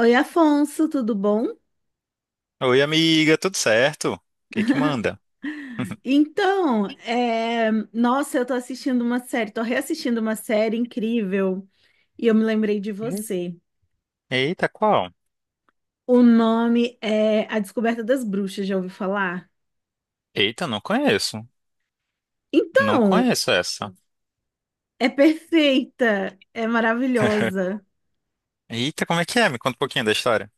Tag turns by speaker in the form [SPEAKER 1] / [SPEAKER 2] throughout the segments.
[SPEAKER 1] Oi, Afonso, tudo bom?
[SPEAKER 2] Oi, amiga, tudo certo? O que que manda?
[SPEAKER 1] Nossa, eu tô assistindo uma série, tô reassistindo uma série incrível e eu me lembrei de você.
[SPEAKER 2] Eita, qual?
[SPEAKER 1] O nome é A Descoberta das Bruxas, já ouviu falar?
[SPEAKER 2] Eita, não conheço. Não
[SPEAKER 1] Então,
[SPEAKER 2] conheço essa.
[SPEAKER 1] é perfeita, é maravilhosa.
[SPEAKER 2] Eita, como é que é? Me conta um pouquinho da história.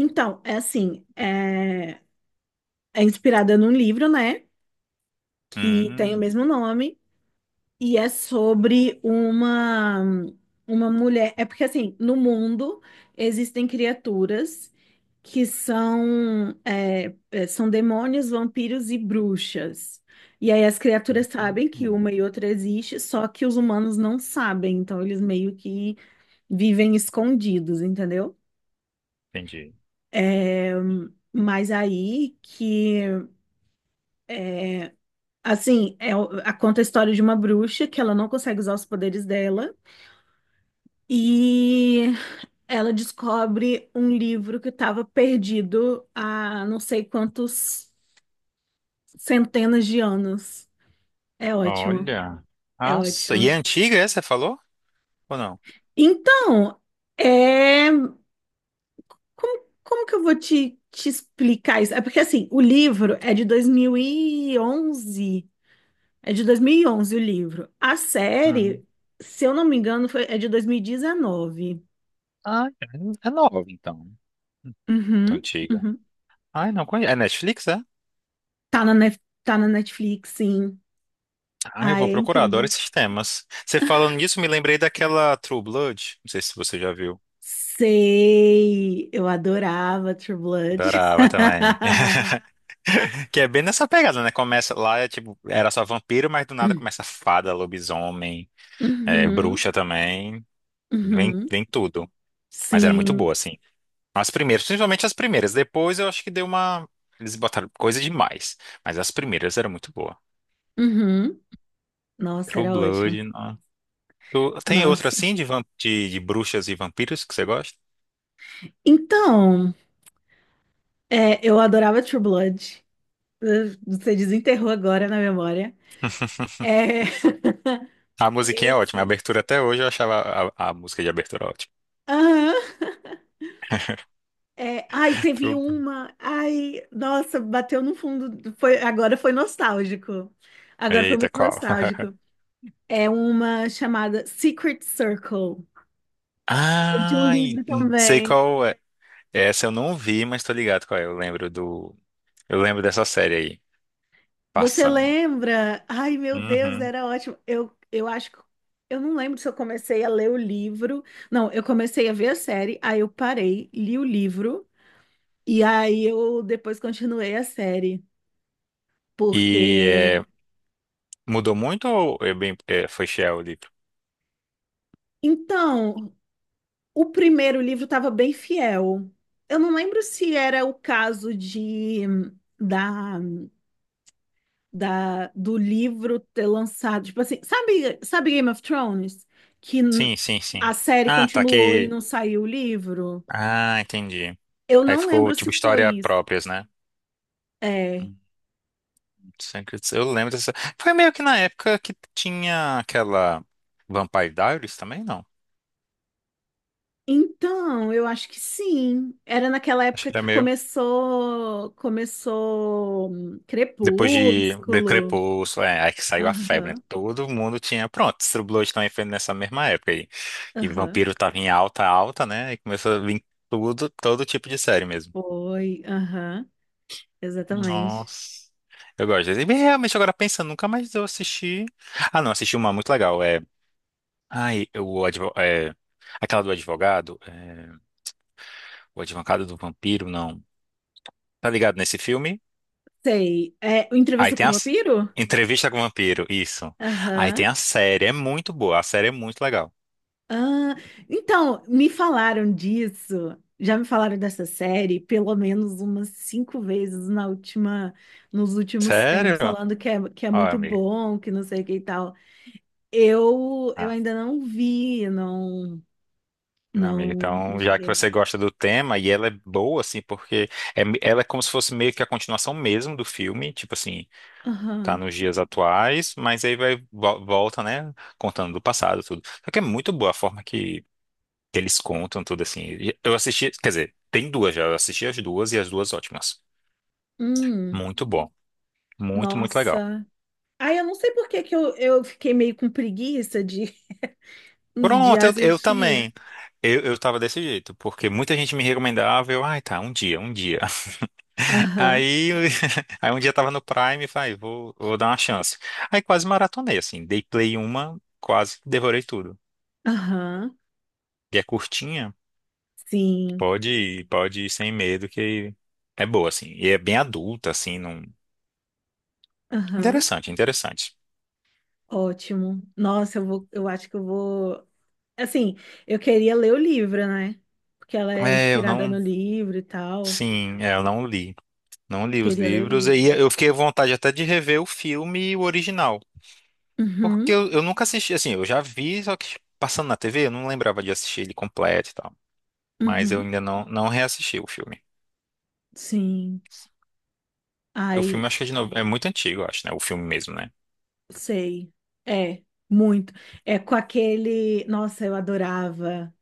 [SPEAKER 1] Então, é assim, é, é inspirada num livro, né? Que tem o
[SPEAKER 2] Hum,
[SPEAKER 1] mesmo nome. E é sobre uma mulher. É porque assim, no mundo existem criaturas que são demônios, vampiros e bruxas. E aí as criaturas sabem que
[SPEAKER 2] hum,
[SPEAKER 1] uma e outra existe, só que os humanos não sabem, então eles meio que vivem escondidos, entendeu?
[SPEAKER 2] entendi.
[SPEAKER 1] É, mas aí que assim, é, o- a- conta a história de uma bruxa que ela não consegue usar os poderes dela. E ela descobre um livro que estava perdido há não sei quantos centenas de anos. É ótimo,
[SPEAKER 2] Olha.
[SPEAKER 1] é
[SPEAKER 2] Nossa, e é
[SPEAKER 1] ótimo.
[SPEAKER 2] antiga essa, você falou? Ou não?
[SPEAKER 1] Então, é... como que eu vou te explicar isso? É porque, assim, o livro é de dois mil e onze. É de 2011 o livro. A
[SPEAKER 2] Hum.
[SPEAKER 1] série, se eu não me engano, foi... é de 2019.
[SPEAKER 2] Ah, é nova, então. Tão
[SPEAKER 1] Uhum,
[SPEAKER 2] antiga.
[SPEAKER 1] uhum.
[SPEAKER 2] Ai, não conheço. É Netflix, é?
[SPEAKER 1] Tá na Netflix, sim.
[SPEAKER 2] Ah, eu
[SPEAKER 1] Ai,
[SPEAKER 2] vou
[SPEAKER 1] é
[SPEAKER 2] procurar, adoro
[SPEAKER 1] incrível.
[SPEAKER 2] esses temas. Você falando nisso, me lembrei daquela True Blood. Não sei se você já viu.
[SPEAKER 1] Sei, eu adorava True Blood.
[SPEAKER 2] Adorava também. Que é bem nessa pegada, né? Começa lá, é tipo, era só vampiro, mas do nada começa fada, lobisomem, é,
[SPEAKER 1] Uhum,
[SPEAKER 2] bruxa também. Vem,
[SPEAKER 1] uhum,
[SPEAKER 2] vem tudo. Mas era muito
[SPEAKER 1] sim,
[SPEAKER 2] boa, assim. As primeiras, principalmente as primeiras. Depois eu acho que deu uma. Eles botaram coisa demais. Mas as primeiras eram muito boa.
[SPEAKER 1] uhum. Nossa,
[SPEAKER 2] True
[SPEAKER 1] era
[SPEAKER 2] Blood,
[SPEAKER 1] ótimo.
[SPEAKER 2] não. Tem outra
[SPEAKER 1] Nossa.
[SPEAKER 2] assim de, de bruxas e vampiros que você gosta?
[SPEAKER 1] Então, é, eu adorava True Blood. Você desenterrou agora na memória. É,
[SPEAKER 2] A musiquinha é ótima. A
[SPEAKER 1] esse.
[SPEAKER 2] abertura até hoje eu achava a música de abertura ótima.
[SPEAKER 1] Aham. É, ai, teve
[SPEAKER 2] True Blood.
[SPEAKER 1] uma. Ai, nossa, bateu no fundo. Foi, agora foi nostálgico. Agora foi
[SPEAKER 2] Eita,
[SPEAKER 1] muito
[SPEAKER 2] qual?
[SPEAKER 1] nostálgico. É uma chamada Secret Circle, é de um
[SPEAKER 2] Ah,
[SPEAKER 1] livro
[SPEAKER 2] sei
[SPEAKER 1] também.
[SPEAKER 2] qual é. Essa eu não vi, mas tô ligado qual é. Eu lembro do. Eu lembro dessa série aí,
[SPEAKER 1] Você
[SPEAKER 2] passando.
[SPEAKER 1] lembra? Ai, meu Deus,
[SPEAKER 2] Uhum.
[SPEAKER 1] era ótimo. Eu acho que eu não lembro se eu comecei a ler o livro. Não, eu comecei a ver a série, aí eu parei, li o livro e aí eu depois continuei a série,
[SPEAKER 2] E
[SPEAKER 1] porque
[SPEAKER 2] é, mudou muito ou é bem, é, foi fiel o livro?
[SPEAKER 1] então, o primeiro livro estava bem fiel. Eu não lembro se era o caso da do livro ter lançado. Tipo assim, sabe, sabe Game of Thrones? Que n-
[SPEAKER 2] Sim, sim,
[SPEAKER 1] a
[SPEAKER 2] sim.
[SPEAKER 1] série
[SPEAKER 2] Ah, tá
[SPEAKER 1] continuou e
[SPEAKER 2] que.
[SPEAKER 1] não saiu o livro?
[SPEAKER 2] Ah, entendi.
[SPEAKER 1] Eu
[SPEAKER 2] Aí
[SPEAKER 1] não
[SPEAKER 2] ficou
[SPEAKER 1] lembro se
[SPEAKER 2] tipo
[SPEAKER 1] foi
[SPEAKER 2] história
[SPEAKER 1] isso.
[SPEAKER 2] próprias, né?
[SPEAKER 1] É.
[SPEAKER 2] Hum, Eu lembro dessa. Foi meio que na época que tinha aquela Vampire Diaries também, não?
[SPEAKER 1] Então, eu acho que sim. Era naquela
[SPEAKER 2] Acho
[SPEAKER 1] época
[SPEAKER 2] que era
[SPEAKER 1] que
[SPEAKER 2] meio.
[SPEAKER 1] começou
[SPEAKER 2] Depois de
[SPEAKER 1] Crepúsculo.
[SPEAKER 2] Crepúsculo, é, aí que saiu a febre, né?
[SPEAKER 1] Aham,
[SPEAKER 2] Todo mundo tinha. Pronto, True Blood também foi nessa mesma época aí. E
[SPEAKER 1] aham.
[SPEAKER 2] Vampiro tava em alta, alta, né? E começou a vir tudo, todo tipo de série mesmo.
[SPEAKER 1] Foi, aham, exatamente.
[SPEAKER 2] Nossa. Eu gosto. E realmente, agora pensando, nunca mais eu assisti. Ah, não, assisti uma muito legal. É. Ai, aquela do advogado. O advogado do vampiro, não. Tá ligado nesse filme?
[SPEAKER 1] Sei. É, o
[SPEAKER 2] Aí
[SPEAKER 1] Entrevista com
[SPEAKER 2] tem
[SPEAKER 1] o
[SPEAKER 2] a. s-
[SPEAKER 1] Vampiro?
[SPEAKER 2] Entrevista com o Vampiro, isso. Aí tem
[SPEAKER 1] Aham.
[SPEAKER 2] a série, é muito boa, a série é muito legal.
[SPEAKER 1] Ah, então, me falaram disso. Já me falaram dessa série pelo menos umas cinco vezes nos últimos tempos,
[SPEAKER 2] Sério?
[SPEAKER 1] falando que é
[SPEAKER 2] Ó,
[SPEAKER 1] muito
[SPEAKER 2] amigo.
[SPEAKER 1] bom, que não sei o que e tal. Eu
[SPEAKER 2] Ah,
[SPEAKER 1] ainda não vi, não,
[SPEAKER 2] não, amigo.
[SPEAKER 1] não, não
[SPEAKER 2] Então, já
[SPEAKER 1] cheguei
[SPEAKER 2] que
[SPEAKER 1] a
[SPEAKER 2] você
[SPEAKER 1] ver.
[SPEAKER 2] gosta do tema e ela é boa, assim, porque é, ela é como se fosse meio que a continuação mesmo do filme, tipo assim, tá
[SPEAKER 1] Aham.
[SPEAKER 2] nos dias atuais, mas aí volta, né, contando do passado tudo. Só que é muito boa a forma que eles contam tudo assim. E eu assisti, quer dizer, tem duas já. Eu assisti as duas e as duas ótimas.
[SPEAKER 1] Hum,
[SPEAKER 2] Muito bom, muito, muito legal.
[SPEAKER 1] nossa. Ai, eu não sei por que eu fiquei meio com preguiça de, de
[SPEAKER 2] Pronto, eu
[SPEAKER 1] assistir.
[SPEAKER 2] também. Eu tava desse jeito, porque muita gente me recomendava, eu, ai, tá, um dia, um dia.
[SPEAKER 1] Aham,
[SPEAKER 2] Aí, aí um dia tava no Prime e falei, vou, vou dar uma chance. Aí quase maratonei, assim, dei play uma, quase devorei tudo.
[SPEAKER 1] aham,
[SPEAKER 2] E é curtinha,
[SPEAKER 1] sim,
[SPEAKER 2] pode ir sem medo, que é boa, assim. E é bem adulta, assim, não...
[SPEAKER 1] aham.
[SPEAKER 2] Interessante, interessante.
[SPEAKER 1] Ótimo. Nossa, eu vou, eu acho que eu vou. Assim, eu queria ler o livro, né? Porque ela é
[SPEAKER 2] É, eu
[SPEAKER 1] inspirada
[SPEAKER 2] não...
[SPEAKER 1] no livro e tal.
[SPEAKER 2] Sim, é, eu não li. Não li os
[SPEAKER 1] Queria ler o
[SPEAKER 2] livros,
[SPEAKER 1] livro.
[SPEAKER 2] aí eu fiquei à vontade até de rever o filme e o original. Porque
[SPEAKER 1] Uhum,
[SPEAKER 2] eu nunca assisti, assim, eu já vi, só que passando na TV, eu não lembrava de assistir ele completo e tal. Mas eu
[SPEAKER 1] uhum.
[SPEAKER 2] ainda não, não reassisti o filme.
[SPEAKER 1] Sim.
[SPEAKER 2] O filme
[SPEAKER 1] Ai,
[SPEAKER 2] acho que é de novo, é muito antigo, eu acho, né? O filme mesmo, né?
[SPEAKER 1] sei. É, muito. É com aquele. Nossa, eu adorava.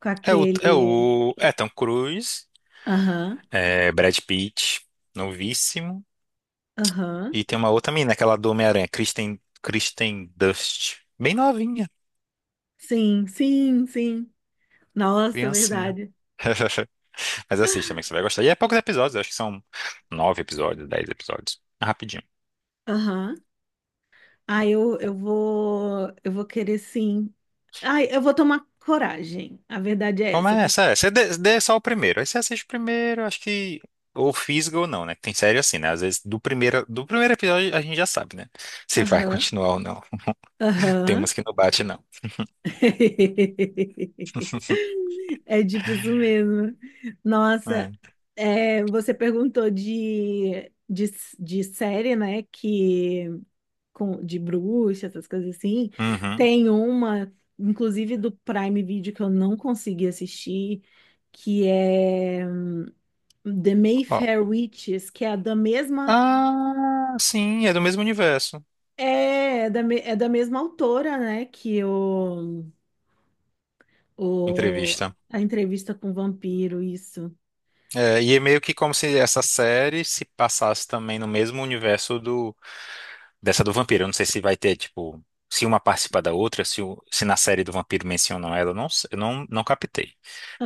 [SPEAKER 1] Com
[SPEAKER 2] É o, é
[SPEAKER 1] aquele.
[SPEAKER 2] o é Tom Cruise,
[SPEAKER 1] Aham,
[SPEAKER 2] é Brad Pitt, novíssimo,
[SPEAKER 1] aham.
[SPEAKER 2] e tem uma outra menina, aquela do Homem-Aranha, Kristen Dust, bem novinha,
[SPEAKER 1] Sim, sim, sim. Nossa,
[SPEAKER 2] criancinha.
[SPEAKER 1] verdade.
[SPEAKER 2] Mas assista também, que você vai gostar. E é poucos episódios, acho que são nove episódios, dez episódios. É rapidinho.
[SPEAKER 1] Aham. Ah, eu vou querer sim. Ai, eu vou tomar coragem. A verdade é essa. Tem que.
[SPEAKER 2] Começa, é, você dê só o primeiro. Aí você assiste o primeiro, acho que. Ou fisga ou não, né? Que tem série assim, né? Às vezes do primeiro episódio a gente já sabe, né? Se vai
[SPEAKER 1] Aham,
[SPEAKER 2] continuar ou não. Tem
[SPEAKER 1] aham.
[SPEAKER 2] umas que não bate, não.
[SPEAKER 1] É tipo isso mesmo. Nossa,
[SPEAKER 2] É.
[SPEAKER 1] é, você perguntou de série, né? Que com, de bruxa, essas coisas assim.
[SPEAKER 2] Uhum.
[SPEAKER 1] Tem uma, inclusive do Prime Video que eu não consegui assistir, que é. The
[SPEAKER 2] Ó.
[SPEAKER 1] Mayfair Witches, que é da mesma
[SPEAKER 2] Ah, sim, é do mesmo universo.
[SPEAKER 1] é, é da, me- é da mesma autora, né? Que o
[SPEAKER 2] Entrevista.
[SPEAKER 1] a entrevista com o vampiro, isso.
[SPEAKER 2] É, e é meio que como se essa série se passasse também no mesmo universo do dessa do vampiro, eu não sei se vai ter, tipo, se uma participa da outra, se na série do vampiro mencionam ela, eu não, não captei.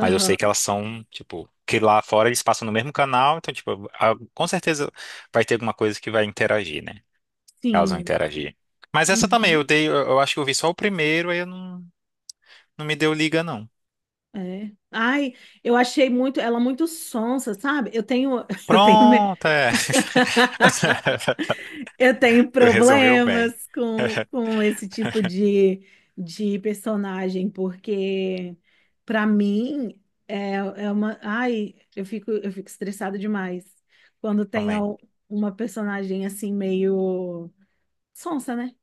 [SPEAKER 2] Mas eu sei que elas são, tipo, que lá fora eles passam no mesmo canal, então, tipo, com certeza vai ter alguma coisa que vai interagir, né? Elas vão
[SPEAKER 1] sim.
[SPEAKER 2] interagir. Mas essa também,
[SPEAKER 1] Uhum,
[SPEAKER 2] eu acho que eu vi só o primeiro, aí eu não, não me deu liga, não.
[SPEAKER 1] é. Ai, eu achei muito ela muito sonsa, sabe? Eu tenho eu tenho
[SPEAKER 2] Pronto, é.
[SPEAKER 1] eu tenho
[SPEAKER 2] Tu resumiu bem,
[SPEAKER 1] problemas com esse tipo de personagem, porque para mim é, é uma. Ai, eu fico estressada demais quando tem
[SPEAKER 2] também.
[SPEAKER 1] al- uma personagem assim meio sonsa, né?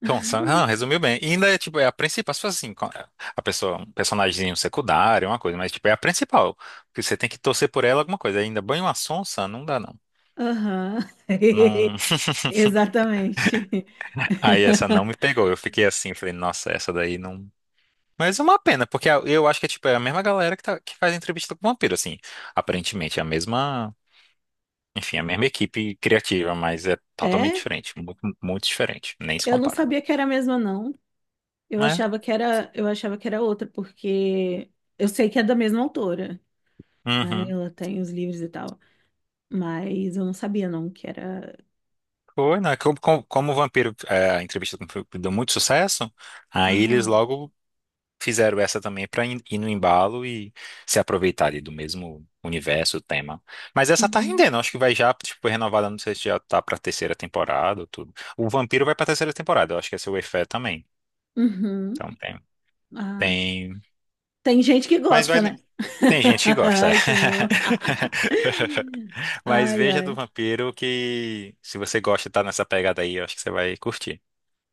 [SPEAKER 2] Então, não, resumiu bem. E ainda é, tipo, é a principal, se fosse assim, a pessoa, um personagemzinho secundário, uma coisa, mas, tipo, é a principal, porque você tem que torcer por ela alguma coisa. Ainda banho uma sonsa, não dá, não.
[SPEAKER 1] Aham,
[SPEAKER 2] Não...
[SPEAKER 1] exatamente.
[SPEAKER 2] Aí essa não me pegou, eu fiquei assim, falei, nossa, essa daí não... Mas é uma pena, porque eu acho que é, tipo, é a mesma galera que faz entrevista com o vampiro, assim, aparentemente, é a mesma, enfim, a mesma equipe criativa, mas é totalmente
[SPEAKER 1] É?
[SPEAKER 2] diferente, muito, muito diferente, nem se
[SPEAKER 1] Eu não
[SPEAKER 2] compara.
[SPEAKER 1] sabia que era a mesma, não.
[SPEAKER 2] É.
[SPEAKER 1] Eu achava que era outra, porque eu sei que é da mesma autora, né?
[SPEAKER 2] Uhum.
[SPEAKER 1] Ela tem os livros e tal. Mas eu não sabia, não, que era.
[SPEAKER 2] Foi, né? Como o Vampiro, é, a entrevista com o Vampiro deu muito sucesso, aí eles
[SPEAKER 1] Aham.
[SPEAKER 2] logo fizeram essa também para ir no embalo e se aproveitar ali do mesmo universo, tema. Mas essa tá
[SPEAKER 1] Uhum.
[SPEAKER 2] rendendo, acho que vai já, tipo, foi renovada, não sei se já tá pra terceira temporada ou tudo. O Vampiro vai pra terceira temporada, eu acho que essa é o Wayfair também.
[SPEAKER 1] Uhum.
[SPEAKER 2] Então tem,
[SPEAKER 1] Ah.
[SPEAKER 2] tem...
[SPEAKER 1] Tem gente que
[SPEAKER 2] Mas
[SPEAKER 1] gosta,
[SPEAKER 2] vai...
[SPEAKER 1] né?
[SPEAKER 2] Tem gente que gosta, é.
[SPEAKER 1] Ai, senhor.
[SPEAKER 2] Mas
[SPEAKER 1] Ai,
[SPEAKER 2] veja do
[SPEAKER 1] ai.
[SPEAKER 2] Vampiro que se você gosta e tá nessa pegada aí, eu acho que você vai curtir.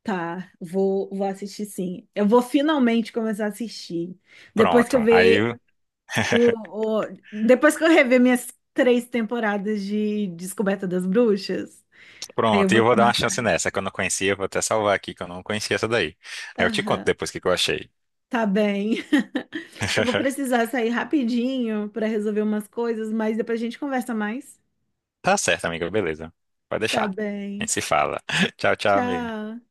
[SPEAKER 1] Vou assistir sim. Eu vou finalmente começar a assistir. Depois que eu
[SPEAKER 2] Pronto. Aí,
[SPEAKER 1] ver Depois que eu rever minhas 3 temporadas de Descoberta das Bruxas, aí eu
[SPEAKER 2] pronto. E
[SPEAKER 1] vou
[SPEAKER 2] eu vou dar uma
[SPEAKER 1] tomar
[SPEAKER 2] chance
[SPEAKER 1] coragem.
[SPEAKER 2] nessa que eu não conhecia. Eu vou até salvar aqui que eu não conhecia essa daí. Aí eu te conto
[SPEAKER 1] Aham.
[SPEAKER 2] depois o que que eu achei.
[SPEAKER 1] Tá bem. Eu vou precisar sair rapidinho para resolver umas coisas, mas depois a gente conversa mais.
[SPEAKER 2] Tá certo, amiga. Beleza. Pode deixar.
[SPEAKER 1] Tá
[SPEAKER 2] A
[SPEAKER 1] bem.
[SPEAKER 2] gente se fala. Tchau, tchau, amigo.
[SPEAKER 1] Tchau.